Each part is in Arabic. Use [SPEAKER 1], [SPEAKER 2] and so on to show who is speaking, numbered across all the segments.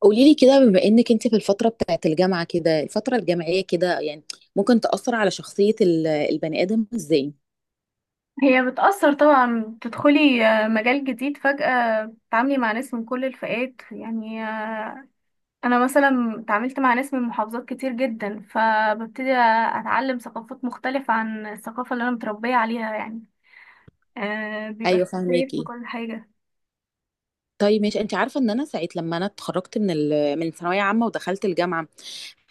[SPEAKER 1] قولي لي كده، بما انك انت في الفتره بتاعت الجامعه كده، الفتره الجامعيه كده، يعني ممكن تاثر على شخصيه البني ادم ازاي؟
[SPEAKER 2] هي بتأثر طبعا، تدخلي مجال جديد فجأة، تتعاملي مع ناس من كل الفئات يعني أنا مثلا اتعاملت مع ناس من محافظات كتير جدا، فببتدي أتعلم ثقافات مختلفة عن الثقافة اللي أنا متربية عليها يعني. بيبقى في
[SPEAKER 1] ايوه،
[SPEAKER 2] اختلاف في
[SPEAKER 1] فهماكي.
[SPEAKER 2] كل حاجة.
[SPEAKER 1] طيب ماشي، انت عارفه ان انا ساعه لما انا اتخرجت من ثانويه عامه ودخلت الجامعه،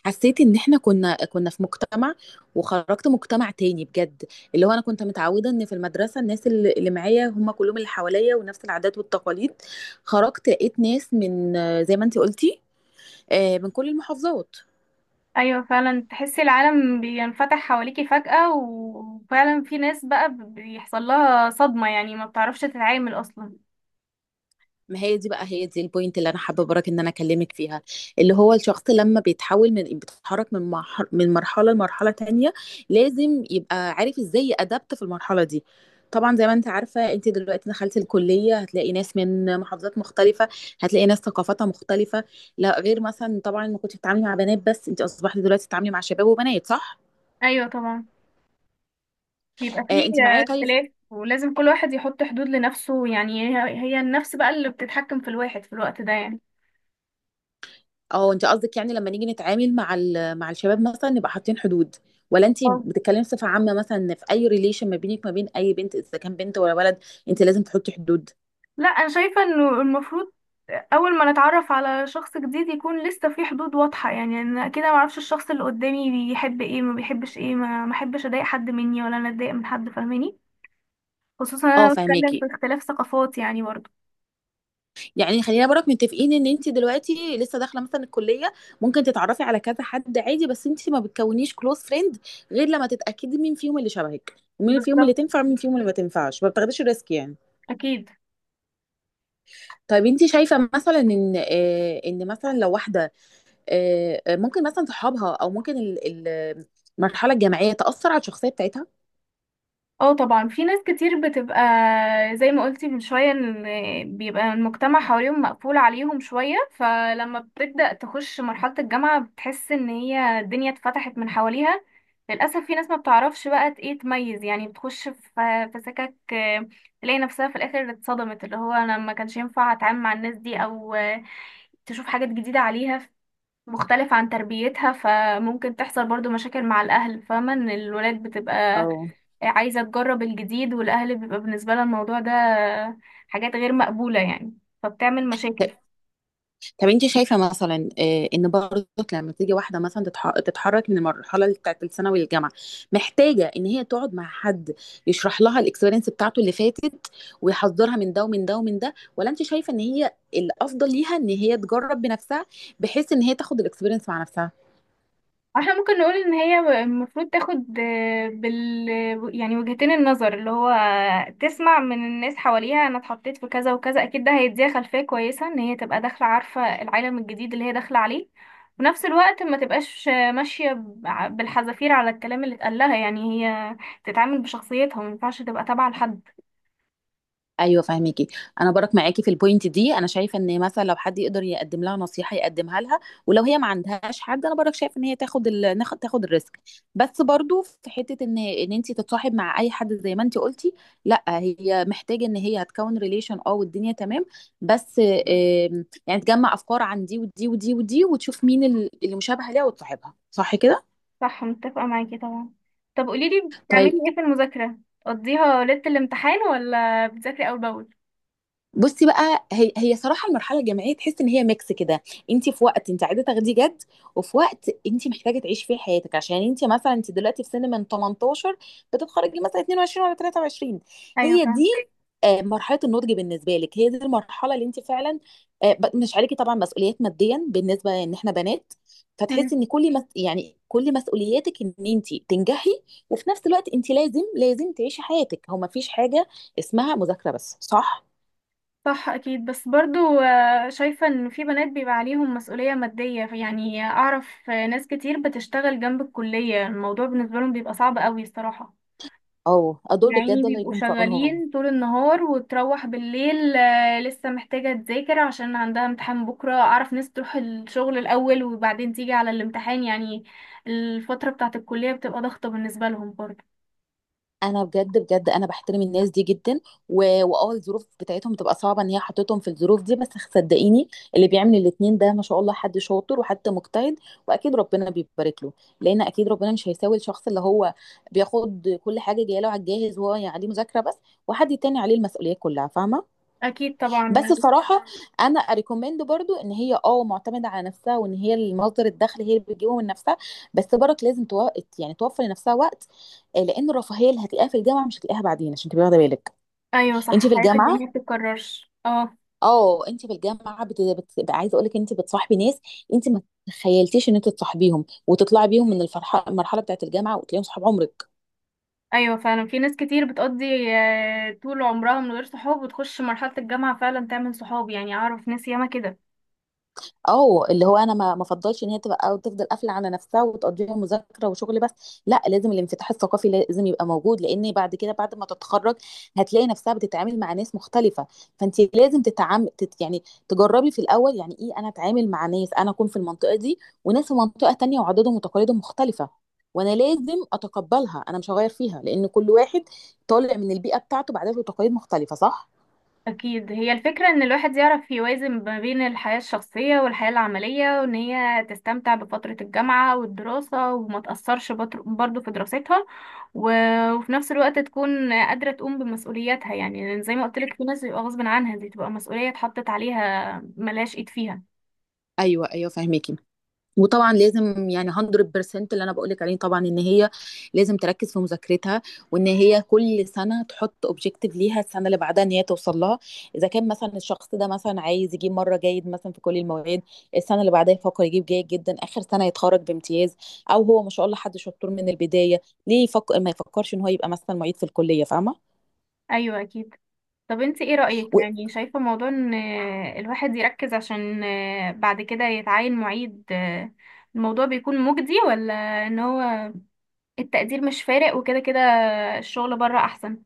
[SPEAKER 1] حسيت ان احنا كنا في مجتمع وخرجت مجتمع تاني بجد. اللي هو انا كنت متعوده ان في المدرسه الناس اللي معايا هم كلهم اللي حواليا ونفس العادات والتقاليد. خرجت لقيت ناس من زي ما انت قلتي، من كل المحافظات.
[SPEAKER 2] أيوة، فعلا تحسي العالم بينفتح حواليكي فجأة، وفعلا في ناس بقى بيحصل لها صدمة، يعني ما بتعرفش تتعامل أصلا.
[SPEAKER 1] ما هي دي بقى، هي دي البوينت اللي انا حابه برك ان انا اكلمك فيها. اللي هو الشخص لما بيتحول، من بيتحرك من مرحله، من مرحله لمرحله تانية، لازم يبقى عارف ازاي يأدبت في المرحله دي. طبعا زي ما انت عارفه، انت دلوقتي دخلت الكليه، هتلاقي ناس من محافظات مختلفه، هتلاقي ناس ثقافتها مختلفه. لا غير مثلا، طبعا ما كنتش بتتعاملي مع بنات بس، انت اصبحتي دلوقتي بتتعاملي مع شباب وبنات، صح؟
[SPEAKER 2] أيوة طبعا، بيبقى
[SPEAKER 1] آه
[SPEAKER 2] فيه
[SPEAKER 1] انت معايا. طيب،
[SPEAKER 2] اختلاف، ولازم كل واحد يحط حدود لنفسه، يعني هي هي النفس بقى اللي بتتحكم في الواحد في الوقت ده يعني.
[SPEAKER 1] اه انت قصدك يعني لما نيجي نتعامل مع مع الشباب مثلا نبقى حاطين حدود، ولا انت
[SPEAKER 2] اه،
[SPEAKER 1] بتتكلمي بصفة عامة؟ مثلا إن في اي ريليشن ما بينك ما بين اي بنت، اذا كان بنت ولا ولد، انت لازم تحطي حدود.
[SPEAKER 2] لا، انا شايفة انه المفروض اول ما نتعرف على شخص جديد يكون لسه في حدود واضحة، يعني انا كده ما اعرفش الشخص اللي قدامي بيحب ايه، ما بيحبش ايه، ما احبش اضايق حد مني ولا انا اتضايق من حد، فاهماني؟ خصوصا
[SPEAKER 1] اه
[SPEAKER 2] انا بتكلم في
[SPEAKER 1] فهماكي.
[SPEAKER 2] اختلاف ثقافات يعني برضه.
[SPEAKER 1] يعني خلينا برك متفقين ان انت دلوقتي لسه داخله مثلا الكليه، ممكن تتعرفي على كذا حد عادي، بس انت ما بتكونيش كلوز فريند غير لما تتاكدي مين فيهم اللي شبهك ومين فيهم اللي
[SPEAKER 2] بالظبط،
[SPEAKER 1] تنفع ومين فيهم اللي ما تنفعش. ما بتاخديش الريسك يعني.
[SPEAKER 2] اكيد.
[SPEAKER 1] طيب انت شايفه مثلا ان ان مثلا لو واحده، ممكن مثلا صحابها او ممكن المرحله الجامعيه تاثر على الشخصيه بتاعتها؟
[SPEAKER 2] اه طبعا، في ناس كتير بتبقى زي ما قلتي من شوية، ان بيبقى المجتمع حواليهم مقفول عليهم شوية، فلما بتبدأ تخش مرحلة الجامعة بتحس ان هي الدنيا اتفتحت من حواليها. للأسف في ناس ما بتعرفش بقى ايه تميز يعني، بتخش في سكك، تلاقي نفسها في الآخر اتصدمت، اللي هو انا ما كانش ينفع اتعامل مع الناس دي، او تشوف حاجات جديدة عليها مختلف عن تربيتها. فممكن تحصل برضو مشاكل مع الأهل، فاهمة ان الولاد بتبقى
[SPEAKER 1] اه.
[SPEAKER 2] عايزة تجرب الجديد، والأهل بيبقى بالنسبة لها الموضوع ده حاجات غير مقبولة يعني، فبتعمل مشاكل.
[SPEAKER 1] طب انت شايفه مثلا ان برضك لما تيجي واحده مثلا تتحرك من المرحله بتاعت الثانوي للجامعه، محتاجه ان هي تقعد مع حد يشرح لها الاكسبيرينس بتاعته اللي فاتت، ويحذرها من ده ومن ده ومن ده، ولا انت شايفه ان هي الافضل ليها ان هي تجرب بنفسها، بحيث ان هي تاخد الاكسبيرينس مع نفسها؟
[SPEAKER 2] احنا ممكن نقول ان هي المفروض تاخد آه، بال يعني وجهتين النظر، اللي هو تسمع من الناس حواليها انا اتحطيت في كذا وكذا، اكيد ده هيديها خلفية كويسة ان هي تبقى داخلة عارفة العالم الجديد اللي هي داخلة عليه. وفي نفس الوقت ما تبقاش ماشية بالحذافير على الكلام اللي اتقال لها، يعني هي تتعامل بشخصيتها، ما ينفعش تبقى تابعة لحد.
[SPEAKER 1] ايوه فاهمكي. انا برك معاكي في البوينت دي. انا شايفه ان مثلا لو حد يقدر يقدم لها نصيحه يقدمها لها، ولو هي ما عندهاش حد، انا برك شايف ان هي تاخد تاخد الريسك. بس برضو في حته ان، ان انت تتصاحب مع اي حد زي ما انت قلتي، لا، هي محتاجه ان هي هتكون ريليشن اه والدنيا تمام، بس يعني تجمع افكار عن دي ودي ودي ودي وتشوف مين اللي مشابهه ليها وتصاحبها، صح كده؟
[SPEAKER 2] صح، متفقة معاكي طبعا. طب قوليلي، بتعملي
[SPEAKER 1] طيب،
[SPEAKER 2] ايه في المذاكرة؟ تقضيها ليلة الامتحان ولا بتذاكري اول باول؟
[SPEAKER 1] بصي بقى، هي صراحه المرحله الجامعيه تحس ان هي ميكس كده. انت في وقت انت عايزه تاخديه جد، وفي وقت انت محتاجه تعيشي فيه حياتك، عشان انت مثلا انت دلوقتي في سن من 18 بتتخرجي مثلا 22 ولا 23.
[SPEAKER 2] ايوه
[SPEAKER 1] هي دي مرحله النضج بالنسبه لك، هي دي المرحله اللي انت فعلا مش عليكي طبعا مسؤوليات ماديا، بالنسبه ان احنا بنات،
[SPEAKER 2] فاهمة.
[SPEAKER 1] فتحسي ان يعني كل مسؤولياتك ان انت تنجحي. وفي نفس الوقت انت لازم تعيشي حياتك. هو ما فيش حاجه اسمها مذاكره بس، صح؟
[SPEAKER 2] صح، اكيد. بس برضو شايفة ان في بنات بيبقى عليهم مسؤولية مادية يعني، اعرف ناس كتير بتشتغل جنب الكلية، الموضوع بالنسبة لهم بيبقى صعب قوي الصراحة.
[SPEAKER 1] اه، دول
[SPEAKER 2] يعني
[SPEAKER 1] بجد الله
[SPEAKER 2] بيبقوا
[SPEAKER 1] يكون في عونهم.
[SPEAKER 2] شغالين طول النهار، وتروح بالليل لسه محتاجة تذاكر عشان عندها امتحان بكرة. اعرف ناس تروح الشغل الاول وبعدين تيجي على الامتحان يعني، الفترة بتاعة الكلية بتبقى ضغطة بالنسبة لهم برضو.
[SPEAKER 1] انا بجد بجد انا بحترم الناس دي جدا. واه الظروف بتاعتهم بتبقى صعبه، ان هي حطتهم في الظروف دي، بس صدقيني اللي بيعمل الاتنين ده ما شاء الله، حد شاطر وحد مجتهد، واكيد ربنا بيبارك له. لان اكيد ربنا مش هيساوي الشخص اللي هو بياخد كل حاجه جايه له على الجاهز وهو يعني عليه مذاكره بس، وحد تاني عليه المسؤوليه كلها، فاهمه؟
[SPEAKER 2] اكيد طبعا.
[SPEAKER 1] بس بصراحة أنا أريكومند برضو إن هي أه معتمدة على نفسها، وإن هي المصدر الدخل هي اللي بتجيبه من نفسها. بس برك لازم يعني توفر لنفسها وقت، لأن الرفاهية اللي هتلاقيها في الجامعة مش هتلاقيها بعدين، عشان تبقي واخدة بالك.
[SPEAKER 2] ايوه صح،
[SPEAKER 1] أنت في
[SPEAKER 2] حياة
[SPEAKER 1] الجامعة،
[SPEAKER 2] الجامعة بتتكررش، اه.
[SPEAKER 1] أه أنت في الجامعة عايزة أقول لك، أنت بتصاحبي ناس، أنت ما تخيلتيش إن أنت تصاحبيهم وتطلعي بيهم من الفرحة المرحلة بتاعت الجامعة، وتلاقيهم صحاب عمرك.
[SPEAKER 2] ايوه فعلا، في ناس كتير بتقضي طول عمرها من غير صحاب وتخش مرحلة الجامعة فعلا تعمل صحاب يعني، اعرف ناس ياما كده.
[SPEAKER 1] اه، اللي هو انا ما افضلش ان هي تبقى او تفضل قافله على نفسها وتقضيها مذاكره وشغل بس، لا، لازم الانفتاح الثقافي لازم يبقى موجود، لان بعد كده بعد ما تتخرج هتلاقي نفسها بتتعامل مع ناس مختلفه. فانت لازم تتعامل، تت يعني تجربي في الاول، يعني ايه انا اتعامل مع ناس، انا اكون في المنطقه دي وناس في منطقه تانية وعاداتهم وتقاليدهم مختلفه، وانا لازم اتقبلها، انا مش هغير فيها، لان كل واحد طالع من البيئه بتاعته بعادات وتقاليد مختلفه، صح؟
[SPEAKER 2] اكيد، هي الفكرة ان الواحد يعرف يوازن ما بين الحياة الشخصية والحياة العملية، وان هي تستمتع بفترة الجامعة والدراسة وما تأثرش برضه في دراستها. و... وفي نفس الوقت تكون قادرة تقوم بمسؤولياتها، يعني لأن زي ما قلت لك في ناس بيبقى غصب عنها، دي تبقى مسؤولية اتحطت عليها ملهاش ايد فيها.
[SPEAKER 1] ايوه ايوه فاهمك. وطبعا لازم يعني 100% اللي انا بقولك عليه، طبعا ان هي لازم تركز في مذاكرتها، وان هي كل سنه تحط اوبجيكتيف ليها السنه اللي بعدها ان هي توصل لها. اذا كان مثلا الشخص ده مثلا عايز يجيب مره جيد مثلا في كل المواد، السنه اللي بعدها يفكر يجيب جيد جدا، اخر سنه يتخرج بامتياز. او هو ما شاء الله حد شطور من البدايه، ليه يفكر، ما يفكرش ان هو يبقى مثلا معيد في الكليه، فاهمه؟
[SPEAKER 2] ايوه اكيد. طب انت ايه رأيك،
[SPEAKER 1] و-
[SPEAKER 2] يعني شايفة موضوع ان الواحد يركز عشان بعد كده يتعين معيد، الموضوع بيكون مجدي، ولا ان هو التقدير مش فارق وكده كده الشغل بره احسن؟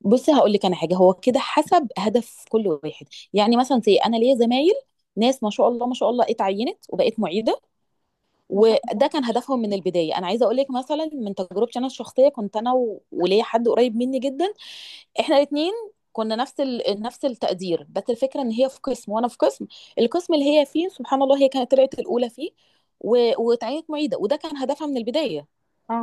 [SPEAKER 1] بصي هقول لك انا حاجه، هو كده حسب هدف كل واحد. يعني مثلا زي انا ليا زمايل، ناس ما شاء الله ما شاء الله اتعينت وبقت معيده،
[SPEAKER 2] ما شاء
[SPEAKER 1] وده
[SPEAKER 2] الله.
[SPEAKER 1] كان هدفهم من البدايه. انا عايزه اقول لك مثلا من تجربتي انا الشخصيه، كنت انا وليا حد قريب مني جدا، احنا الاثنين كنا نفس التقدير، بس الفكره ان هي في قسم وانا في قسم. القسم اللي هي فيه سبحان الله هي كانت طلعت الاولى فيه، و... واتعينت معيده، وده كان هدفها من البدايه.
[SPEAKER 2] اه،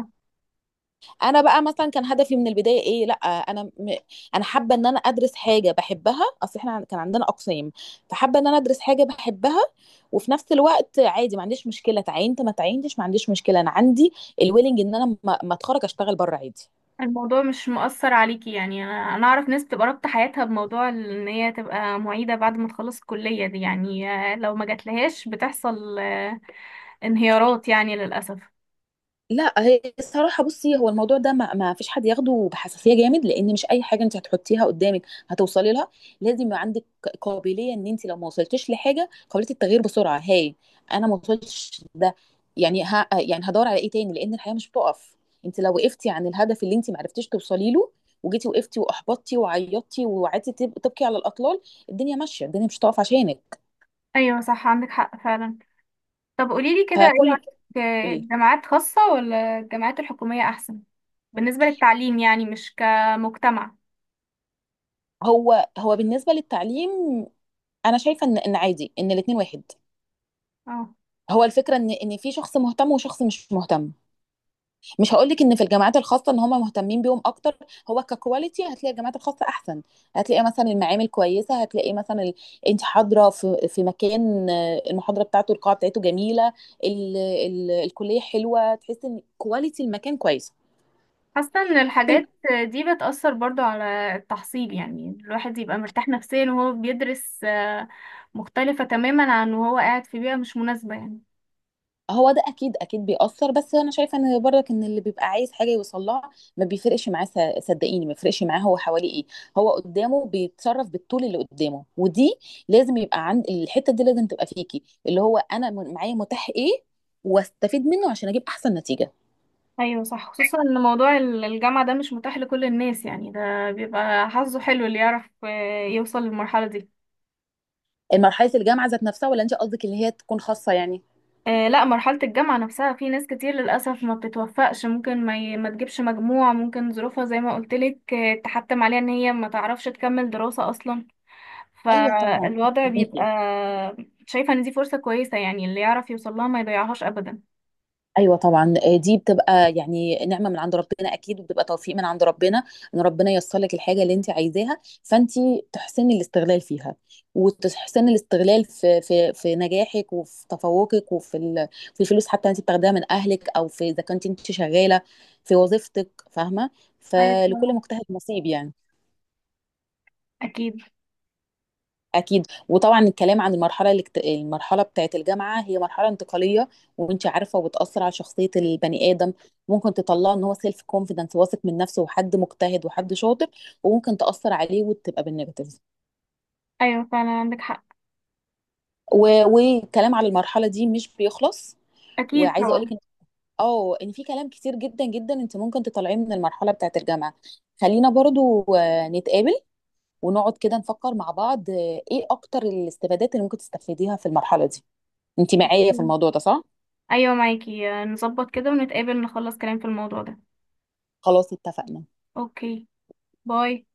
[SPEAKER 1] انا بقى مثلا كان هدفي من البدايه ايه؟ لا انا انا حابه ان انا ادرس حاجه بحبها. اصل احنا كان عندنا اقسام، فحابه ان انا ادرس حاجه بحبها. وفي نفس الوقت عادي ما عنديش مشكله تعينت ما تعينتش، ما عنديش مشكله، انا عندي الويلنج ان انا ما اتخرج اشتغل بره عادي.
[SPEAKER 2] الموضوع مش مؤثر عليكي، يعني انا اعرف ناس تبقى رابطة حياتها بموضوع ان هي تبقى معيدة بعد ما تخلص الكلية دي، يعني لو ما جاتلهاش بتحصل انهيارات يعني، للأسف.
[SPEAKER 1] لا هي الصراحه، بصي، هو الموضوع ده ما فيش حد ياخده بحساسيه جامد، لان مش اي حاجه انت هتحطيها قدامك هتوصلي لها. لازم يبقى عندك قابليه ان انت لو ما وصلتيش لحاجه قابليه التغيير بسرعه، هاي انا ما وصلتش ده يعني، ها يعني هدور على ايه تاني، لان الحياه مش بتقف. انت لو وقفتي عن الهدف اللي انت ما عرفتيش توصلي له، وجيتي وقفتي واحبطتي وعيطتي وقعدتي تبكي على الاطلال، الدنيا ماشيه، الدنيا مش هتقف عشانك.
[SPEAKER 2] ايوه صح، عندك حق فعلا. طب قوليلي كده، ايه
[SPEAKER 1] فكل،
[SPEAKER 2] رأيك
[SPEAKER 1] قولي لي.
[SPEAKER 2] الجامعات خاصة ولا الجامعات الحكومية أحسن؟ بالنسبة للتعليم يعني، مش كمجتمع.
[SPEAKER 1] هو بالنسبه للتعليم انا شايفه ان ان عادي ان الاثنين واحد.
[SPEAKER 2] اه،
[SPEAKER 1] هو الفكره ان ان في شخص مهتم وشخص مش مهتم. مش هقول لك ان في الجامعات الخاصه ان هم مهتمين بيهم اكتر، هو ككواليتي هتلاقي الجامعات الخاصه احسن. هتلاقي مثلا المعامل كويسه، هتلاقي مثلا انت حاضره في في مكان، المحاضره بتاعته القاعه بتاعته جميله، الكليه حلوه، تحس ان كواليتي المكان كويسه.
[SPEAKER 2] حاسة ان الحاجات دي بتأثر برضو على التحصيل، يعني الواحد يبقى مرتاح نفسيا وهو بيدرس مختلفة تماما عن وهو قاعد في بيئة مش مناسبة يعني.
[SPEAKER 1] هو ده اكيد اكيد بيأثر، بس انا شايفه ان برضك ان اللي بيبقى عايز حاجه يوصلها ما بيفرقش معاه. صدقيني ما بيفرقش معاه هو حواليه ايه، هو قدامه بيتصرف بالطول اللي قدامه. ودي لازم يبقى عند، الحته دي لازم تبقى فيكي، اللي هو انا معايا متاح ايه واستفيد منه عشان اجيب احسن نتيجه.
[SPEAKER 2] ايوه صح، خصوصا ان موضوع الجامعة ده مش متاح لكل الناس، يعني ده بيبقى حظه حلو اللي يعرف يوصل للمرحلة دي.
[SPEAKER 1] مرحله الجامعه ذات نفسها، ولا انت قصدك اللي هي تكون خاصه يعني؟
[SPEAKER 2] لا، مرحلة الجامعة نفسها في ناس كتير للأسف ما بتتوفقش، ممكن ما تجيبش مجموع، ممكن ظروفها زي ما قلتلك تحتم عليها ان هي ما تعرفش تكمل دراسة أصلا،
[SPEAKER 1] ايوه طبعا.
[SPEAKER 2] فالوضع بيبقى. شايفة ان دي فرصة كويسة، يعني اللي يعرف يوصل لها ما يضيعهاش أبدا.
[SPEAKER 1] ايوه طبعا، دي بتبقى يعني نعمه من عند ربنا اكيد، وبتبقى توفيق من عند ربنا، ان ربنا ييسر لك الحاجه اللي انت عايزاها. فانت تحسني الاستغلال فيها، وتحسني الاستغلال في في في نجاحك وفي تفوقك وفي في الفلوس حتى انت بتاخديها من اهلك، او في اذا كنت انت شغاله في وظيفتك، فاهمه؟
[SPEAKER 2] ايوه
[SPEAKER 1] فلكل
[SPEAKER 2] طبعاً.
[SPEAKER 1] مجتهد نصيب يعني.
[SPEAKER 2] أكيد.
[SPEAKER 1] اكيد. وطبعا الكلام عن المرحله المرحله بتاعه الجامعه، هي مرحله انتقاليه، وانت عارفه وبتاثر على شخصيه البني ادم. ممكن تطلعه ان هو سيلف كونفيدنس، واثق من نفسه وحد مجتهد وحد شاطر، وممكن تاثر عليه وتبقى بالنيجاتيف.
[SPEAKER 2] أيوة فعلا، عندك حق.
[SPEAKER 1] والكلام على المرحله دي مش بيخلص.
[SPEAKER 2] أكيد
[SPEAKER 1] وعايزه اقول
[SPEAKER 2] طبعا.
[SPEAKER 1] لك ان اه ان في كلام كتير جدا جدا انت ممكن تطلعيه من المرحله بتاعه الجامعه. خلينا برضو نتقابل ونقعد كده نفكر مع بعض، ايه اكتر الاستفادات اللي ممكن تستفيديها في المرحله دي؟ انت معايا في الموضوع ده، صح؟
[SPEAKER 2] أيوة معاكي، نظبط كده ونتقابل، نخلص كلام في الموضوع ده.
[SPEAKER 1] خلاص اتفقنا.
[SPEAKER 2] أوكي. باي.